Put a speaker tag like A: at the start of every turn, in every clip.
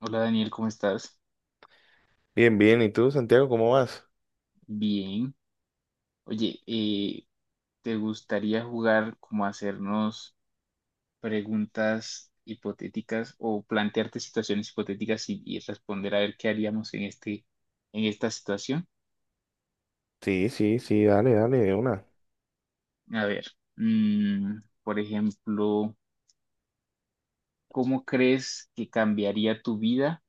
A: Hola Daniel, ¿cómo estás?
B: Bien, bien. ¿Y tú, Santiago, cómo vas?
A: Bien. Oye, ¿te gustaría jugar como a hacernos preguntas hipotéticas o plantearte situaciones hipotéticas y, responder a ver qué haríamos en en esta situación?
B: Sí, sí, sí, dale, dale, de una.
A: A ver, mm, por ejemplo, ¿cómo crees que cambiaría tu vida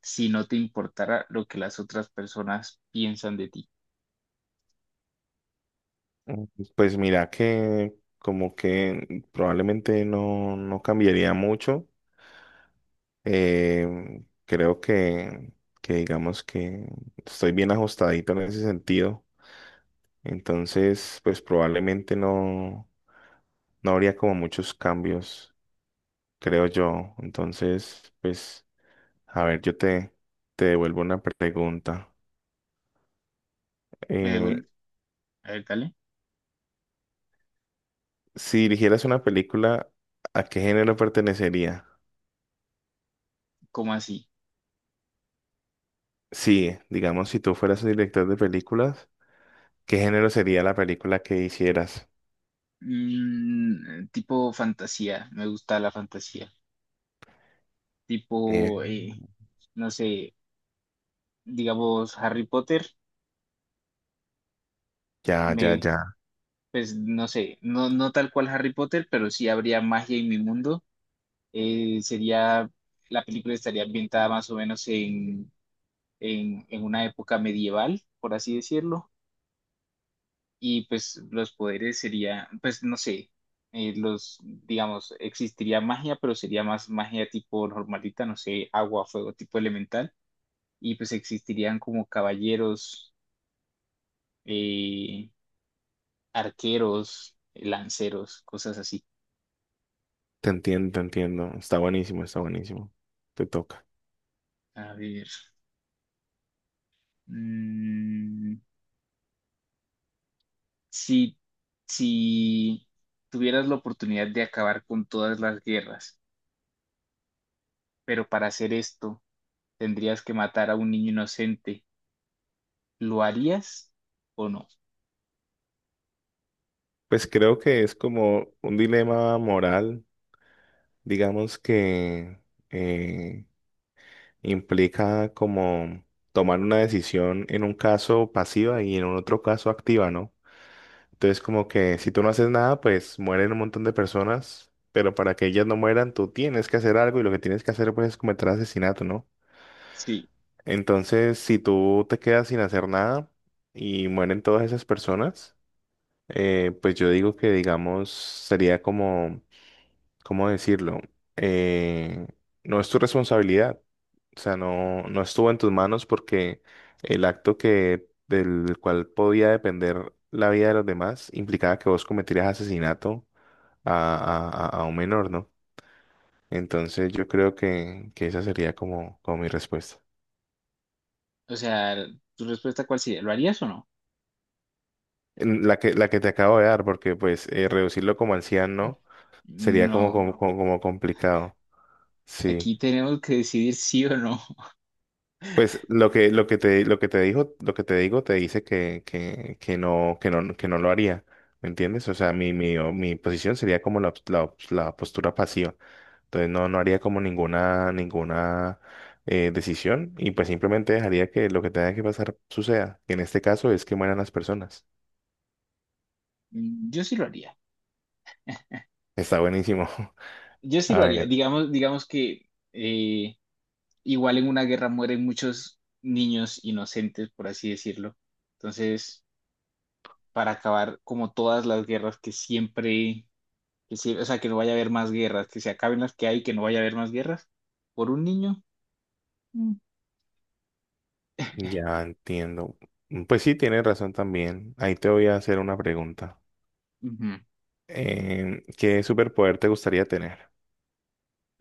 A: si no te importara lo que las otras personas piensan de ti?
B: Mm, Pues mira que como que probablemente no cambiaría mucho. Creo que digamos que estoy bien ajustadito en ese sentido. Entonces, pues probablemente no habría como muchos cambios, creo yo. Entonces, pues, a ver, te devuelvo una pregunta.
A: Me devuelvo,
B: Eh,
A: a ver, dale.
B: Si dirigieras una película, ¿a qué género pertenecería?
A: ¿Cómo así?
B: Sí, digamos, si tú fueras un director de películas, ¿qué género sería la película que hicieras?
A: Mm, tipo fantasía, me gusta la fantasía.
B: Eh,
A: Tipo, no sé, digamos Harry Potter,
B: ya, ya,
A: me,
B: ya.
A: pues no sé, no tal cual Harry Potter, pero sí habría magia en mi mundo. Eh, sería, la película estaría ambientada más o menos en una época medieval, por así decirlo. Y pues los poderes sería, pues no sé, digamos, existiría magia, pero sería más magia tipo normalita, no sé, agua, fuego, tipo elemental, y pues existirían como caballeros, eh, arqueros, lanceros, cosas así.
B: Te entiendo, te entiendo. Está buenísimo, está buenísimo. Te toca.
A: A ver, mm, si, si tuvieras la oportunidad de acabar con todas las guerras, pero para hacer esto tendrías que matar a un niño inocente. ¿Lo harías o no?
B: Pues creo que es como un dilema moral, digamos que eh, implica como tomar una decisión en un caso pasiva y en un otro caso activa, ¿no? Entonces, como que si tú no haces nada, pues mueren un montón de personas, pero para que ellas no mueran, tú tienes que hacer algo y lo que tienes que hacer, pues, es cometer asesinato, ¿no?
A: Sí.
B: Entonces, si tú te quedas sin hacer nada y mueren todas esas personas, pues yo digo que, digamos, sería como ¿cómo decirlo? Eh, no es tu responsabilidad. O sea, no estuvo en tus manos porque el acto que, del cual podía depender la vida de los demás implicaba que vos cometieras asesinato a, a un menor, ¿no? Entonces yo creo que esa sería como, como mi respuesta.
A: O sea, ¿tu respuesta cuál sería? ¿Lo harías o no?
B: En la que te acabo de dar, porque pues reducirlo como anciano sería como,
A: No.
B: como, como complicado. Sí.
A: Aquí tenemos que decidir sí o no.
B: Pues lo que te digo, te dice que no, que no lo haría. ¿Me entiendes? O sea, mi posición sería como la postura pasiva. Entonces no, no haría como ninguna decisión y pues simplemente dejaría que lo que tenga que pasar suceda. Y en este caso es que mueran las personas.
A: Mm, yo sí lo haría.
B: Está buenísimo.
A: Yo sí
B: A
A: lo haría.
B: ver,
A: Digamos, digamos que igual en una guerra mueren muchos niños inocentes, por así decirlo. Entonces, para acabar como todas las guerras que o sea, que no vaya a haber más guerras, que se acaben las que hay, que no vaya a haber más guerras, por un niño. Mm.
B: ya entiendo. Pues sí, tienes razón también. Ahí te voy a hacer una pregunta.
A: Ujú.
B: ¿Qué superpoder te gustaría tener?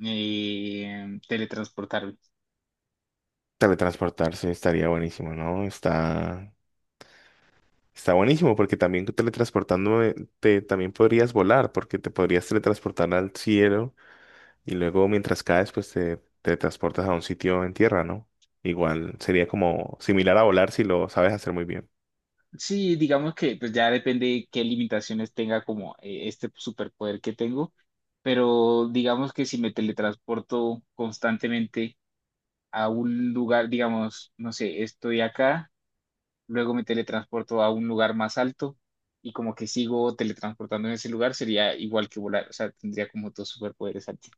A: Eh, teletransportarme.
B: Teletransportarse estaría buenísimo, ¿no? Está buenísimo porque también también podrías volar porque te podrías teletransportar al cielo y luego mientras caes, pues te teletransportas a un sitio en tierra, ¿no? Igual sería como similar a volar si lo sabes hacer muy bien.
A: Sí, digamos que pues ya depende qué limitaciones tenga como este superpoder que tengo, pero digamos que si me teletransporto constantemente a un lugar, digamos, no sé, estoy acá, luego me teletransporto a un lugar más alto y como que sigo teletransportando en ese lugar, sería igual que volar, o sea, tendría como dos superpoderes aquí.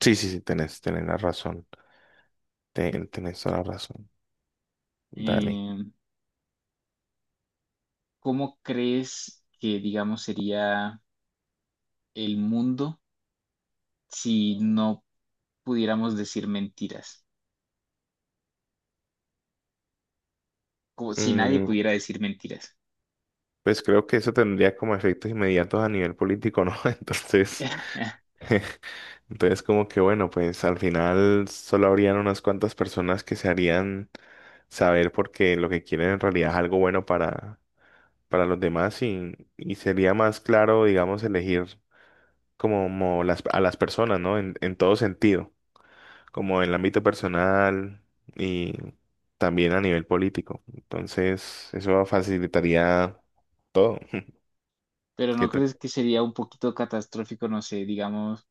B: Sí, sí, sí, tenés, tenés la razón. Tenés toda la razón. Dale.
A: Eh, ¿Cómo crees que, digamos, sería el mundo si no pudiéramos decir mentiras, como si nadie
B: Mm,
A: pudiera decir mentiras?
B: pues creo que eso tendría como efectos inmediatos a nivel político, ¿no? Entonces Entonces, como que bueno, pues al final solo habrían unas cuantas personas que se harían saber porque lo que quieren en realidad es algo bueno para los demás y sería más claro, digamos, elegir como, a las personas, ¿no? En todo sentido, como en el ámbito personal y también a nivel político. Entonces, eso facilitaría todo.
A: Pero ¿no
B: ¿Qué tal?
A: crees que sería un poquito catastrófico? No sé, digamos,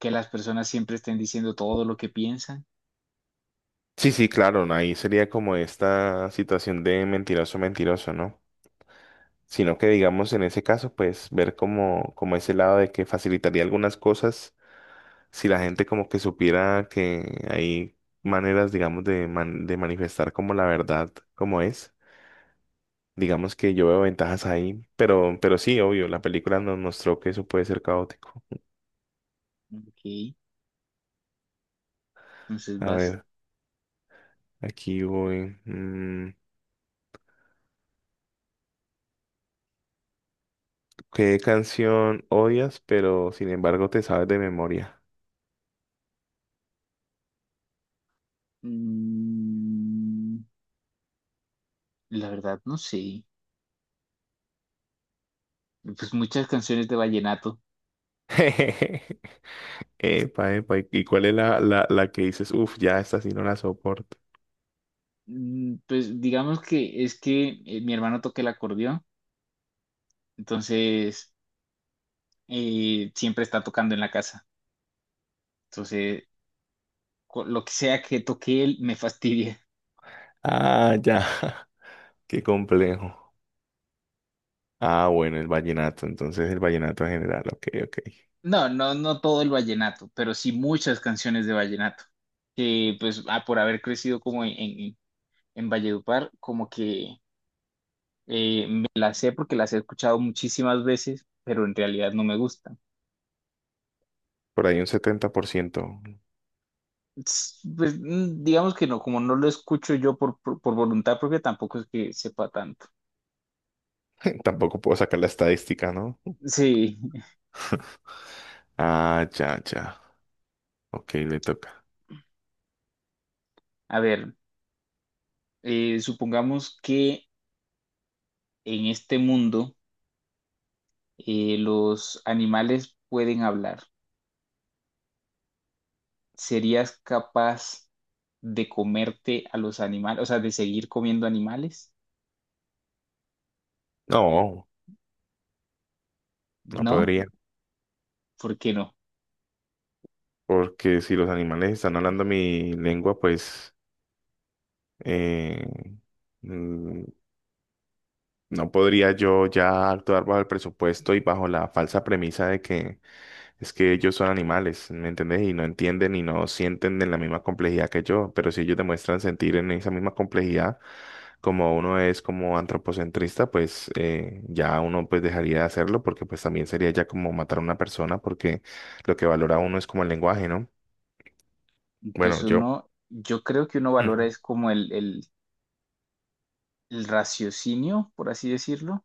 A: ¿que las personas siempre estén diciendo todo lo que piensan?
B: Sí, sí, claro, ahí sería como esta situación de mentiroso, mentiroso, ¿no? sino que digamos en ese caso, pues ver como, como ese lado de que facilitaría algunas cosas si la gente como que supiera que hay maneras, digamos, de manifestar como la verdad como es. Digamos que yo veo ventajas ahí, pero sí, obvio, la película nos mostró que eso puede ser caótico.
A: Ok, entonces
B: A
A: vas.
B: ver, aquí voy. ¿Qué canción odias, pero sin embargo te sabes de memoria?
A: Mm, la verdad, no sé. Pues muchas canciones de vallenato.
B: Epa, epa, ¿y cuál es la que dices? Uff, ya esta sí no la soporto.
A: Mm, pues digamos que es que mi hermano toca el acordeón, entonces siempre está tocando en la casa. Entonces, lo que sea que toque él me fastidia.
B: Ah, ya. Qué complejo. Ah, bueno, el vallenato. Entonces el vallenato en general. Ok, ok.
A: No, no, no todo el vallenato, pero sí muchas canciones de vallenato, que pues ah, por haber crecido como en Valledupar, como que me las sé porque las he escuchado muchísimas veces, pero en realidad no me gustan.
B: Por ahí un 70%.
A: Pues mm, digamos que no, como no lo escucho yo por voluntad propia, tampoco es que sepa tanto.
B: Tampoco puedo sacar la estadística, ¿no?
A: Sí.
B: Ah, ya, ya. Ok, le toca.
A: A ver, supongamos que en este mundo los animales pueden hablar. ¿Serías capaz de comerte a los animales, o sea, de seguir comiendo animales?
B: No, no
A: ¿No?
B: podría.
A: ¿Por qué no?
B: Porque si los animales están hablando mi lengua, pues eh, mm, no podría yo ya actuar bajo el presupuesto y bajo la falsa premisa de que es que ellos son animales, ¿me entendés? Y no entienden y no sienten en la misma complejidad que yo, pero si ellos demuestran sentir en esa misma complejidad, como uno es como antropocentrista, pues ya uno pues dejaría de hacerlo porque pues también sería ya como matar a una persona porque lo que valora uno es como el lenguaje, ¿no? Bueno,
A: Pues
B: yo
A: uno, yo creo que uno valora
B: Ujú,
A: es como el raciocinio, por así decirlo,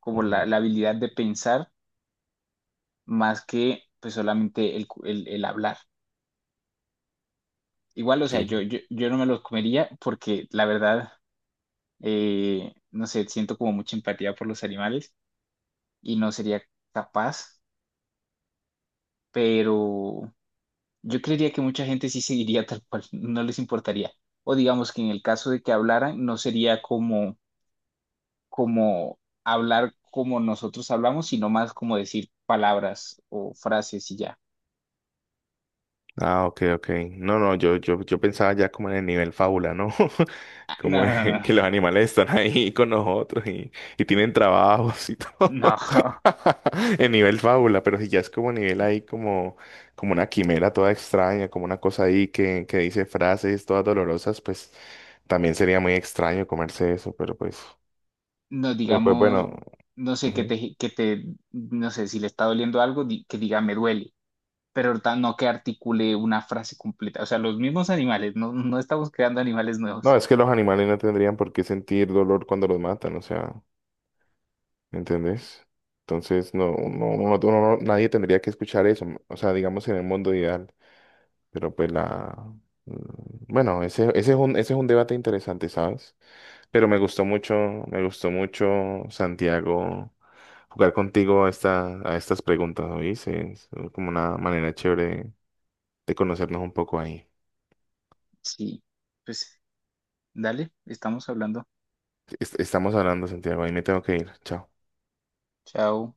A: como
B: ujú.
A: la habilidad de pensar más que pues solamente el hablar. Igual, o sea, yo no me los comería porque la verdad, no sé, siento como mucha empatía por los animales y no sería capaz, pero... Yo creería que mucha gente sí seguiría tal cual, no les importaría. O digamos que en el caso de que hablaran, no sería como, como hablar como nosotros hablamos, sino más como decir palabras o frases y ya.
B: Ah, ok, ok. No, no, yo pensaba ya como en el nivel fábula, ¿no?
A: Ah, no,
B: Como en
A: no,
B: que los animales están ahí con nosotros y tienen trabajos y todo.
A: no, no,
B: En nivel fábula, pero si ya es como nivel ahí como, como una quimera toda extraña, como una cosa ahí que dice frases todas dolorosas, pues también sería muy extraño comerse eso,
A: no,
B: pero pues
A: digamos,
B: bueno.
A: no sé,
B: Ujú.
A: que te, no sé, si le está doliendo algo, que diga me duele, pero no que articule una frase completa. O sea, los mismos animales, no, no estamos creando animales
B: No,
A: nuevos.
B: es que los animales no tendrían por qué sentir dolor cuando los matan, o sea. ¿Entendés? Entonces, no, no, uno- uno no- nadie tendría que escuchar eso, o sea, digamos en el mundo ideal, pero pues la mm, bueno, ese es un debate interesante, ¿sabes? Pero me gustó mucho, Santiago, jugar contigo a, a estas preguntas, ¿oíste? Es como una manera chévere de conocernos un poco ahí.
A: Sí, pues dale, estamos hablando.
B: Estamos hablando, Santiago, ahí me tengo que ir. Chao.
A: Chao.